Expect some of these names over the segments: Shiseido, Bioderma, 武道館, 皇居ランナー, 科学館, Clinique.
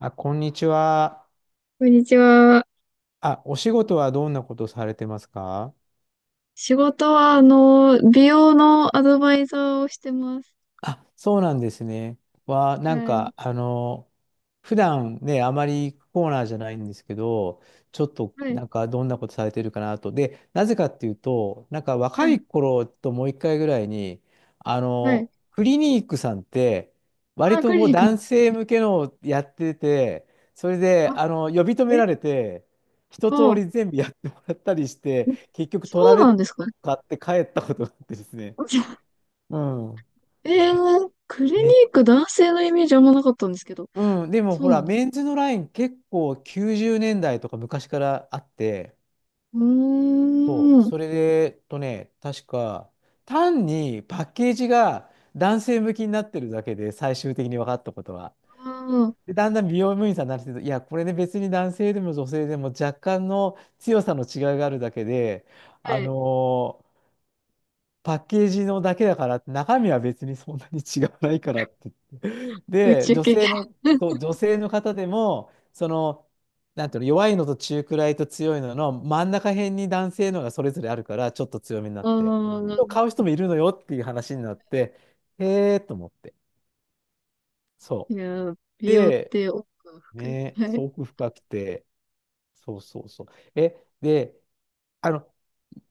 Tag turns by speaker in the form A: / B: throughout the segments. A: あ、こんにちは。
B: こんにちは。
A: あ、お仕事はどんなことされてますか？
B: 仕事は、美容のアドバイザーをしてます。
A: あ、そうなんですね。は、なん
B: はい。
A: か、普段ね、あまり行くコーナーじゃないんですけど、ちょっと、
B: はい。
A: なんか、どんなことされてるかなと。で、なぜかっていうと、なんか、
B: は
A: 若
B: い。
A: い頃ともう一回ぐらいに、
B: はい。
A: クリニックさんって、割
B: あ、ク
A: と
B: リ
A: こう、
B: ニック。
A: 男性向けのをやってて、それで、
B: あ、
A: 呼び止め
B: え、
A: られて、一通
B: あ、
A: り全部やってもらったりして、結局、ト
B: そ
A: ラ
B: う
A: ベ
B: なん
A: ル
B: ですか。
A: 買って帰ったことがあってですね。うん。
B: えー、クリニ
A: め
B: ック男性のイメージあんまなかったんですけど。
A: うん、でも
B: そ
A: ほ
B: うな
A: ら、
B: んです。
A: メンズのライン結構90年代とか昔からあって、
B: う
A: そ
B: ー
A: う、
B: ん。
A: それで、確か、単にパッケージが男性向きになってるだけで、最終的に分かったことは。
B: あー、
A: で、だんだん美容部員さんになってると、いや、これね、別に男性でも女性でも若干の強さの違いがあるだけで、
B: は
A: あ
B: い。
A: のーパッケージのだけだから、中身は別にそんなに違わないからって
B: 宇
A: で、
B: 宙
A: 女
B: 系。
A: 性の、そう、女性の方でも、なんていうの、弱いのと中くらいと強いのの真ん中辺に男性のがそれぞれあるから、ちょっと強めになっ
B: あ
A: て。
B: あ、
A: 買う人もいるのよっていう話になって、へえーと思って。
B: い
A: そ
B: やー、
A: う。
B: 美容っ
A: で、
B: て奥が深い。
A: ね、
B: は
A: す
B: い。
A: ごく深くて、そうそうそう。え、で、あの、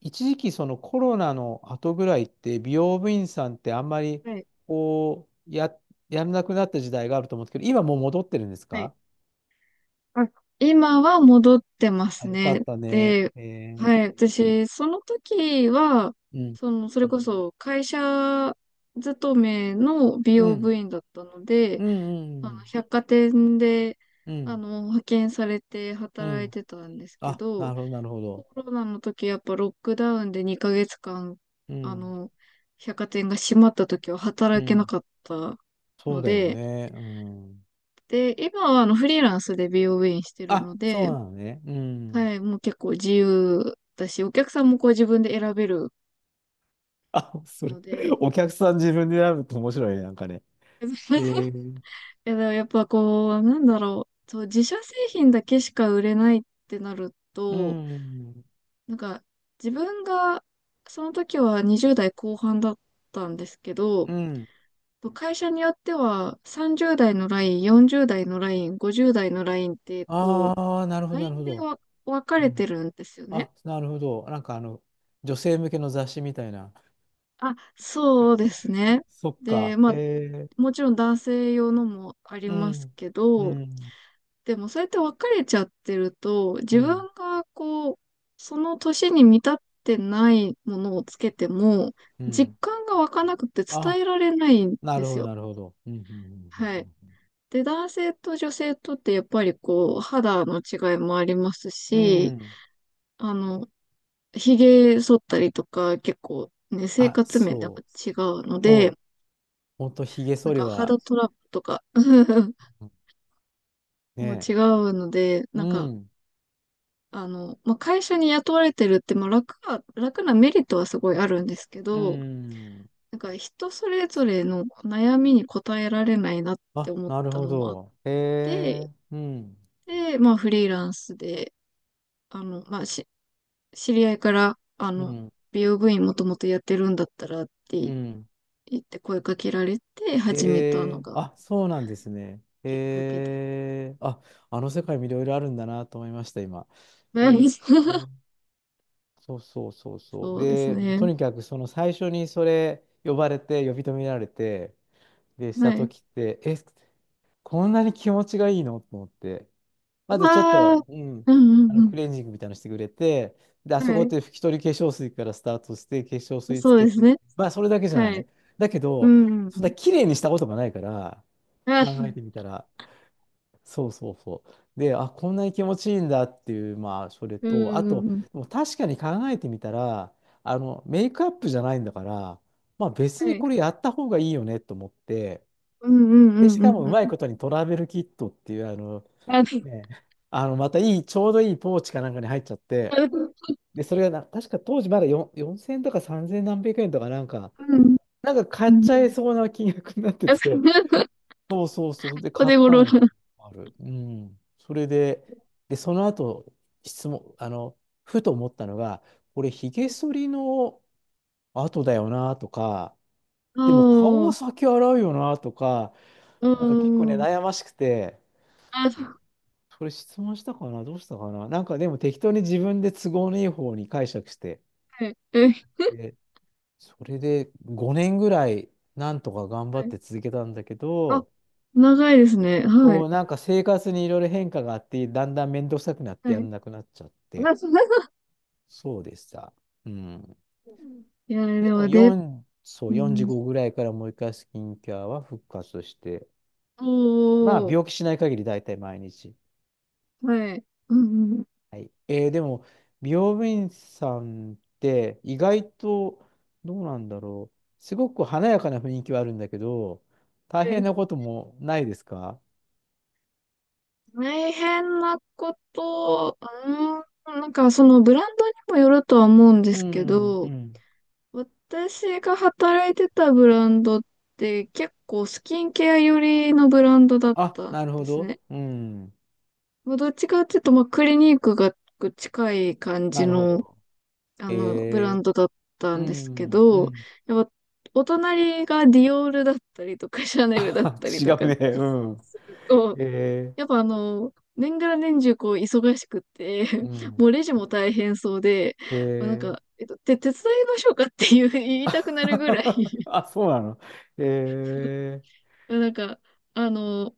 A: 一時期そのコロナの後ぐらいって美容部員さんってあんまり
B: はい。
A: こうや、やらなくなった時代があると思うんですけど、今もう戻ってるんです
B: はい。
A: か？
B: あ、今は戻ってま
A: あ、
B: す
A: よか
B: ね。
A: ったね。
B: で、
A: ー、
B: はい、私、その時は、
A: うん。
B: その、それこそ会社勤めの美
A: う
B: 容
A: ん。
B: 部員だったので、
A: うん。うん。
B: 百貨店で、
A: うん。
B: 派遣されて
A: う
B: 働い
A: ん。
B: てたんですけ
A: あ、な
B: ど、
A: るほど、なるほ
B: コ
A: ど。
B: ロナの時やっぱロックダウンで2ヶ月間、
A: う
B: あ
A: ん。
B: の、百貨店が閉まった時は
A: う
B: 働けな
A: ん。
B: かった
A: そう
B: の
A: だよ
B: で、
A: ね。うん。
B: で、今はあの、フリーランスで美容部員してるの
A: あ、そ
B: で、
A: うなのね。うん。
B: はい、もう結構自由だし、お客さんもこう自分で選べる
A: あ、そ
B: の
A: れ、
B: で、
A: お客さん自分で選ぶと面白いね、なんかね。え
B: い
A: ー、
B: やでもやっぱこう、なんだろう、そう、自社製品だけしか売れないってなる
A: う
B: と、
A: ん。
B: なんか自分が、その時は20代後半だったんですけ
A: う
B: ど、
A: ん。
B: 会社によっては30代のライン、40代のライン、50代のラインって、こ
A: ああ、なる
B: う、
A: ほ
B: ラ
A: ど、な
B: イ
A: る
B: ン
A: ほ
B: で
A: ど。
B: わ分か
A: う
B: れ
A: ん。
B: てるんですよね。
A: あ、なるほど。なんか女性向けの雑誌みたいな。
B: あ、そうですね。
A: そっ
B: で、
A: か。
B: まあ、もちろん男性用のもあり
A: う
B: ます
A: ん。
B: け
A: う
B: ど、
A: ん。
B: でもそうやって別れちゃってると、
A: う
B: 自
A: ん。
B: 分がこう、その年に満たってないものをつけても、
A: う
B: 実
A: ん。
B: 感が湧かなくて伝
A: あ、
B: えられないん
A: な
B: で
A: るほ
B: す
A: ど、
B: よ。
A: なるほど。うん、うん、
B: はい。で、男性と女性とってやっぱりこう、肌の違いもあります
A: うん、うんう
B: し、
A: ん。うん。
B: あの、髭剃ったりとか結構ね、生
A: あ、
B: 活面でも
A: そう。
B: 違うの
A: そ
B: で、
A: う。ほんと、ひげ
B: なん
A: 剃り
B: か肌
A: は、
B: トラブルとか も違
A: ね。
B: うので、
A: うん、
B: 会社に雇われてるって、まあ、楽なメリットはすごいあるんですけ
A: う
B: ど、
A: ん。
B: なんか人それぞれの悩みに応えられないなって
A: あ、
B: 思っ
A: なる
B: た
A: ほ
B: のもあっ
A: ど。へえ、
B: て、
A: うん、
B: で、まあ、フリーランスで、あの、まあ、し、知り合いから、
A: うん、
B: 美容部員もともとやってるんだったらっ
A: う
B: て
A: ん。
B: 言って声かけられて
A: へ
B: 始めたの
A: え、
B: が
A: あ、そうなんですね。
B: きっかけ
A: へ
B: で。
A: え、あ、あの世界もいろいろあるんだなと思いました、今。へ
B: はい
A: え、そうそうそうそう。
B: そうです
A: で、と
B: ね。
A: にかく、その最初にそれ呼び止められて、で、し
B: は
A: た
B: い。
A: 時って、え、こんなに気持ちがいいのと思って。
B: う
A: まずちょっ
B: わー。
A: と、うん、
B: う
A: あ
B: ん
A: の
B: う
A: ク
B: ん
A: レンジングみたいなのしてくれて、で、あ
B: うん。
A: そ
B: は
A: こっ
B: い。
A: て拭き取り化粧水からスタートして、化粧水つ
B: そう
A: け
B: です
A: て、
B: ね。
A: まあ、それだけじゃ
B: は
A: な
B: い。
A: い。だけ
B: う
A: ど、
B: んう
A: そんな
B: ん。
A: 綺麗にしたことがないから、
B: あ、
A: 考えてみたら、そうそうそう。で、あ、こんなに気持ちいいんだっていう、まあ、それ
B: うんう
A: と、あ
B: ん
A: と、
B: うん。
A: でも確かに考えてみたら、メイクアップじゃないんだから、まあ、別
B: は
A: に
B: い。
A: これやった方がいいよねと思って、
B: うんうんう
A: で、し
B: んう
A: か
B: ん
A: もうま
B: う
A: い
B: ん。
A: ことにトラベルキットっていう、
B: あ、
A: ね、またいい、ちょうどいいポーチかなんかに入っちゃって、
B: う
A: で、それがな、確か当時まだ4 4000円とか3000何百円とかなんか、
B: ん
A: なんか買
B: う
A: っちゃい
B: ん。
A: そうな金額になってて、
B: あ、
A: そうそうそう、で、
B: お
A: 買っ
B: 手
A: た
B: 頃
A: の
B: な。
A: も
B: あ
A: ある。うん。それで、その後、質問、あの、ふと思ったのが、これ、ひげ剃りの後だよなとか、でも顔は
B: あ、
A: 先洗うよなとか、
B: う
A: なんか結構ね、
B: んうん。
A: 悩ましくて、
B: あ、
A: それ質問したかなどうしたかななんかでも適当に自分で都合のいい方に解釈して、
B: はい。え、
A: で、それで5年ぐらいなんとか頑張
B: は
A: っ
B: い。
A: て続けたんだけ
B: あ、
A: ど、
B: 長いですね。はい。
A: そう、なんか生活にいろいろ変化があって、だんだん面倒くさくなっ
B: は
A: てや
B: い。
A: らなくなっちゃって、
B: あ、そう。
A: そうでした。うん。
B: いや、
A: で
B: で
A: も
B: も、で、
A: 4、そう、
B: うん。
A: 45ぐらいからもう一回スキンケアは復活して、
B: お
A: まあ
B: ー、
A: 病気しない限り大体毎日。
B: はい。うんうん。
A: はい。でも、美容部員さんって意外とどうなんだろう。すごく華やかな雰囲気はあるんだけど、大変
B: で、
A: なこともないですか？
B: 大変なこと、うん、なんかそのブランドにもよるとは思うんで
A: う
B: すけ
A: ん、う
B: ど、
A: ん。
B: 私が働いてたブランドって結構スキンケア寄りのブランドだっ
A: あ、
B: たん
A: なるほ
B: です
A: ど。
B: ね。
A: うん。
B: まあ、どっちかっていうと、まあ、クリニックが近い感じ
A: なるほ
B: の、
A: ど。
B: ブラ
A: え
B: ンドだった
A: う
B: んですけ
A: ん、う
B: ど、
A: ん。
B: やっぱ、お隣がディオールだったりとか、シャ ネルだっ
A: あ、
B: たり
A: 違
B: と
A: う
B: か
A: ね。うん。
B: すると、
A: え
B: やっぱあの、年がら年中こう忙しくて、
A: う ん。
B: もうレジも大変そうで、
A: え
B: まあ、なん
A: ー。
B: か、手伝いましょうかっていう言いたくなるぐらい
A: あ、そうなの。えー、
B: いやなんか、あの、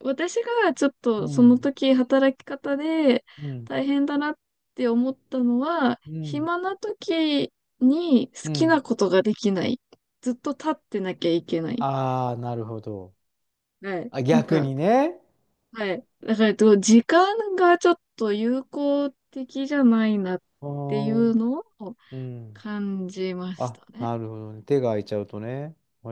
B: 私がちょっ
A: う
B: とその
A: ん、
B: 時働き方で
A: うん、
B: 大変だなって思ったのは、
A: うん、
B: 暇な時に
A: う
B: 好き
A: ん。
B: なことができない。ずっと立ってなきゃいけない。
A: ああ、なるほど。
B: はい。
A: あ、
B: なん
A: 逆
B: か、
A: にね。
B: はい。だから、えっと時間がちょっと有効的じゃないなっ
A: あ
B: ていう
A: ー、
B: のを
A: うん。
B: 感じまし
A: あ、
B: たね。
A: なるほどね。手が空いちゃうとね。へ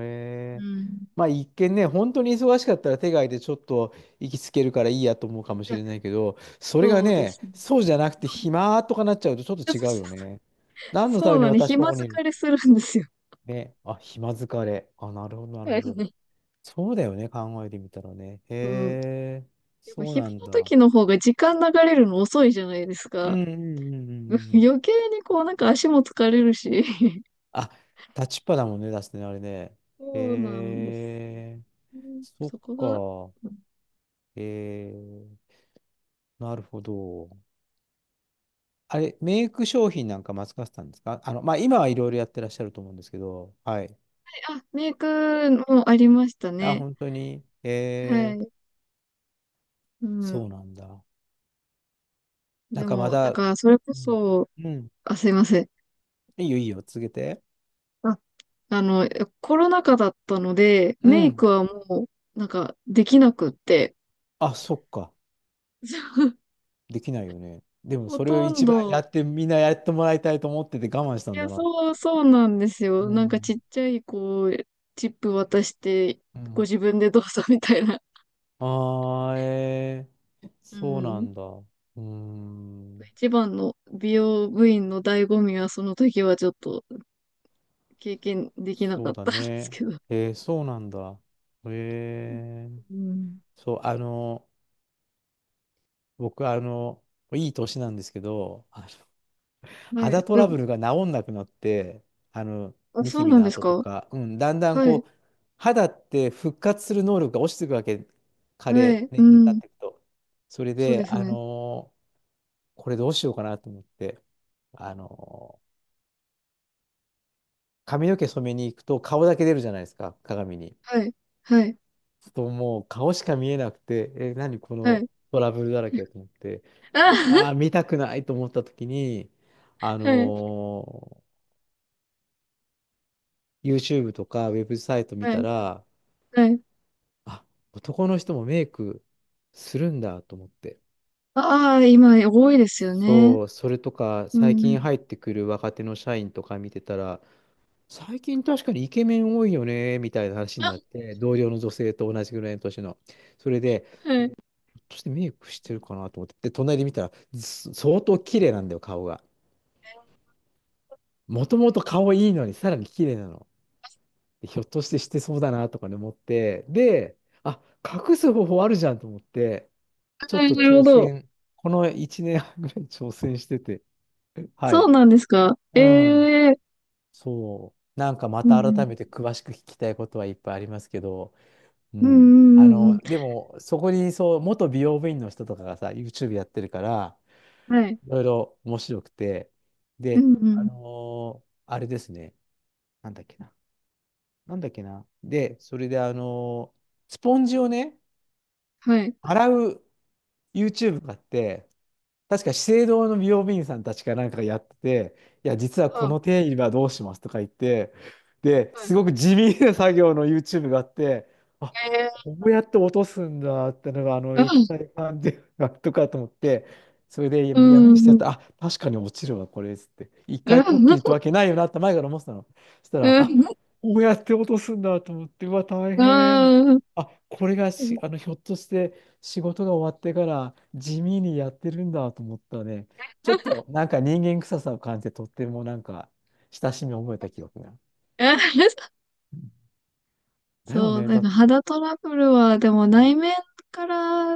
B: う
A: え。
B: ん。
A: まあ一見ね、本当に忙しかったら手が空いてちょっと息つけるからいいやと思うかも
B: い
A: し
B: や、
A: れないけど、それが
B: そうで
A: ね、
B: すね。
A: そうじゃなくて暇とかなっちゃうとちょっと違うよ ね。何のた
B: そ
A: め
B: う
A: に
B: なんで、
A: 私こ
B: 暇
A: こにいる？
B: 疲れするんですよ。
A: ね。あ、暇疲れ。あ、なるほど、なる
B: はい
A: ほど。そうだよね、考えてみたらね。へ
B: うん。
A: え、
B: やっぱ
A: そうな
B: 昼
A: ん
B: の
A: だ。
B: 時の方が時間流れるの遅いじゃないです
A: う
B: か。
A: んうんうんう んうん。
B: 余計にこうなんか足も疲れるし。
A: あ、立ちっぱだもんね、出すね、あれね。へ
B: そうなんです。
A: え。
B: うん
A: そっ
B: そこが。
A: か。えー、なるほど。あれ、メイク商品なんかマスカさんですか？まあ、今はいろいろやってらっしゃると思うんですけど、はい。
B: あ、メイクもありました
A: あ、
B: ね。
A: 本当に、
B: はい。う
A: そ
B: ん。
A: うなんだ。な
B: で
A: んかま
B: も、なん
A: だ、
B: か、それこ
A: うん、
B: そ、
A: うん。
B: あ、すいません。
A: いいよ、いいよ、続けて。
B: あ、あの、コロナ禍だったので、
A: う
B: メイク
A: ん。
B: はもう、なんか、できなくって、
A: あ、そっか。できないよね。でも、
B: ほ
A: それを
B: とん
A: 一番や
B: ど、
A: って、みんなやってもらいたいと思ってて我慢した
B: い
A: ん
B: や、
A: だな。
B: そうなんです
A: う
B: よ。なんかち
A: ん。
B: っちゃい、こう、チップ渡して、
A: う
B: ご
A: ん。
B: 自分でどうぞみたいな。
A: ああ、
B: う
A: そうな
B: ん。
A: んだ。うーん、
B: 一番の美容部員の醍醐味は、その時はちょっと経験できな
A: そ
B: か
A: う
B: っ
A: だ
B: たんです
A: ね。
B: けど。
A: そうなんだ。えー、
B: うん。
A: そう、僕、いい年なんですけど、
B: は
A: 肌
B: い。
A: ト
B: で
A: ラ
B: も、
A: ブルが治んなくなって、あの、
B: あ、
A: ニ
B: そ
A: キ
B: う
A: ビ
B: なん
A: の
B: です
A: 跡と
B: か。
A: か、うん、だんだん
B: はい。
A: こう、肌って復活する能力が落ちていくわけ、加
B: は
A: 齢、
B: い。う
A: 年齢経っ
B: ん。
A: ていくと。それ
B: そうで
A: で、
B: すね。
A: これどうしようかなと思って、あの、髪の毛染めに行くと顔だけ出るじゃないですか、鏡に。
B: はい。はい。
A: そうもう顔しか見えなくて、え、何こ
B: は
A: の
B: い。
A: トラブルだらけと思って、
B: あ、
A: ああ、見たくないと思った時に、あ
B: はい。
A: のー YouTube とかウェブサイト見
B: は
A: た
B: い。
A: ら、
B: はい。
A: あ、男の人もメイクするんだと思って。
B: ああ、今、多いですよね。
A: そう、それとか、
B: う
A: 最近
B: ん。
A: 入ってくる若手の社員とか見てたら、最近確かにイケメン多いよね、みたいな話に
B: あ、
A: なって、同僚の女性と同じぐらいの年の。それで、
B: はい。
A: としてメイクしてるかなと思って、で、隣で見たら、相当綺麗なんだよ、顔が。もともと顔いいのに、さらに綺麗なの。でひょっとしてしてそうだなとかね、思って、で、あ、隠す方法あるじゃんと思って、
B: あ
A: ちょ
B: な
A: っと
B: るほ
A: 挑
B: ど。
A: 戦、この1年半ぐらい挑戦してて、は
B: そ
A: い。
B: うなんですか。
A: うん、
B: ええ
A: そう。なんかま
B: う
A: た
B: ん
A: 改めて詳しく聞きたいことはいっぱいありますけど、う
B: うんう
A: ん。
B: んうんうんうん。
A: でも、そこにそう、元美容部員の人とかがさ、YouTube やってるから、
B: はい。
A: いろいろ面白くて、
B: う
A: で、
B: んうん。
A: あれですね、なんだっけな、なんだっけな、で、それで、スポンジをね、
B: はい。
A: 洗う YouTube があって、確か資生堂の美容部員さんたちかなんかがやってて、いや、実はこの
B: は
A: 定理はどうしますとか言って、で、
B: は
A: す
B: い。
A: ごく地味な作業の YouTube があって、あ、
B: え
A: こうやって落とすんだってのが、あの
B: えうん
A: 液体感でとかと思って、それでや
B: う
A: やめにし
B: んう
A: てやっ
B: ん。
A: たら、あ、確かに落ちるわ、これっつって。一
B: うんう
A: 回こっき
B: ん
A: りってわけないよなって前から思ってたの。そしたら、あ、こうやって落とすんだと思って、うわ、大変。
B: うん。
A: あ、これがし、ひょっとして、仕事が終わってから地味にやってるんだと思ったね。ちょっとなんか人間臭さを感じてとってもなんか親しみを覚えた記憶が。
B: あ
A: うんだよ
B: そう、
A: ね。
B: なんか肌トラブルは、でも内面から、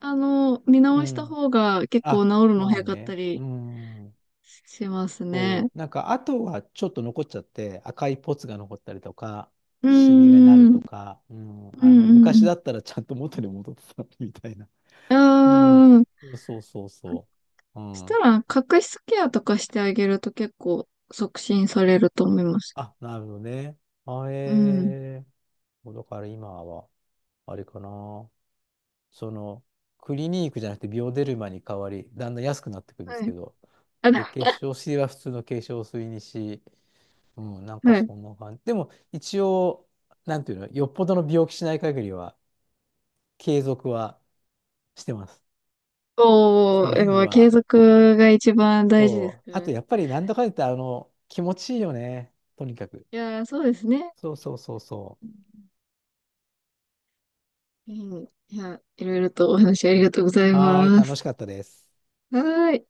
B: 見
A: う
B: 直した
A: ん。
B: 方が結構治
A: あ、
B: るの
A: ま
B: 早
A: あ
B: かった
A: ね。
B: り
A: うん。
B: しますね。
A: そう。なんかあとはちょっと残っちゃって赤いポツが残ったりとか、
B: うー
A: シミがな
B: ん。う
A: ると
B: ん
A: か、うん。
B: う
A: 昔
B: ん
A: だったらちゃんと元に戻ってたみたいな。
B: う
A: うん。
B: ん。ああ。
A: そうそうそうそう。う
B: した
A: ん。
B: ら、角質ケアとかしてあげると結構促進されると思います。
A: あ、なるほどね。あ、
B: うん。
A: だから今は、あれかな。その、クリニークじゃなくてビオデルマに変わり、だんだん安くなってくるんで
B: は
A: す
B: い。
A: けど、
B: あ、で
A: で、化粧水は普通の化粧水にし、うん、なんか
B: はい。
A: そんな感じ。でも、一応、なんていうの、よっぽどの病気しない限りは、継続はしてます。
B: お
A: そ
B: ー、
A: の
B: や
A: 辺
B: っぱ継
A: は。
B: 続が一番大事です
A: そう。
B: から
A: あと、
B: ね。
A: やっぱり、なんだかんだ言って、気持ちいいよね。とにかく。
B: いやー、そうですね。
A: そうそうそうそ
B: うん。いや、いろいろとお話ありがとうござい
A: う。はーい、
B: ま
A: 楽
B: す。
A: しかったです。
B: はーい。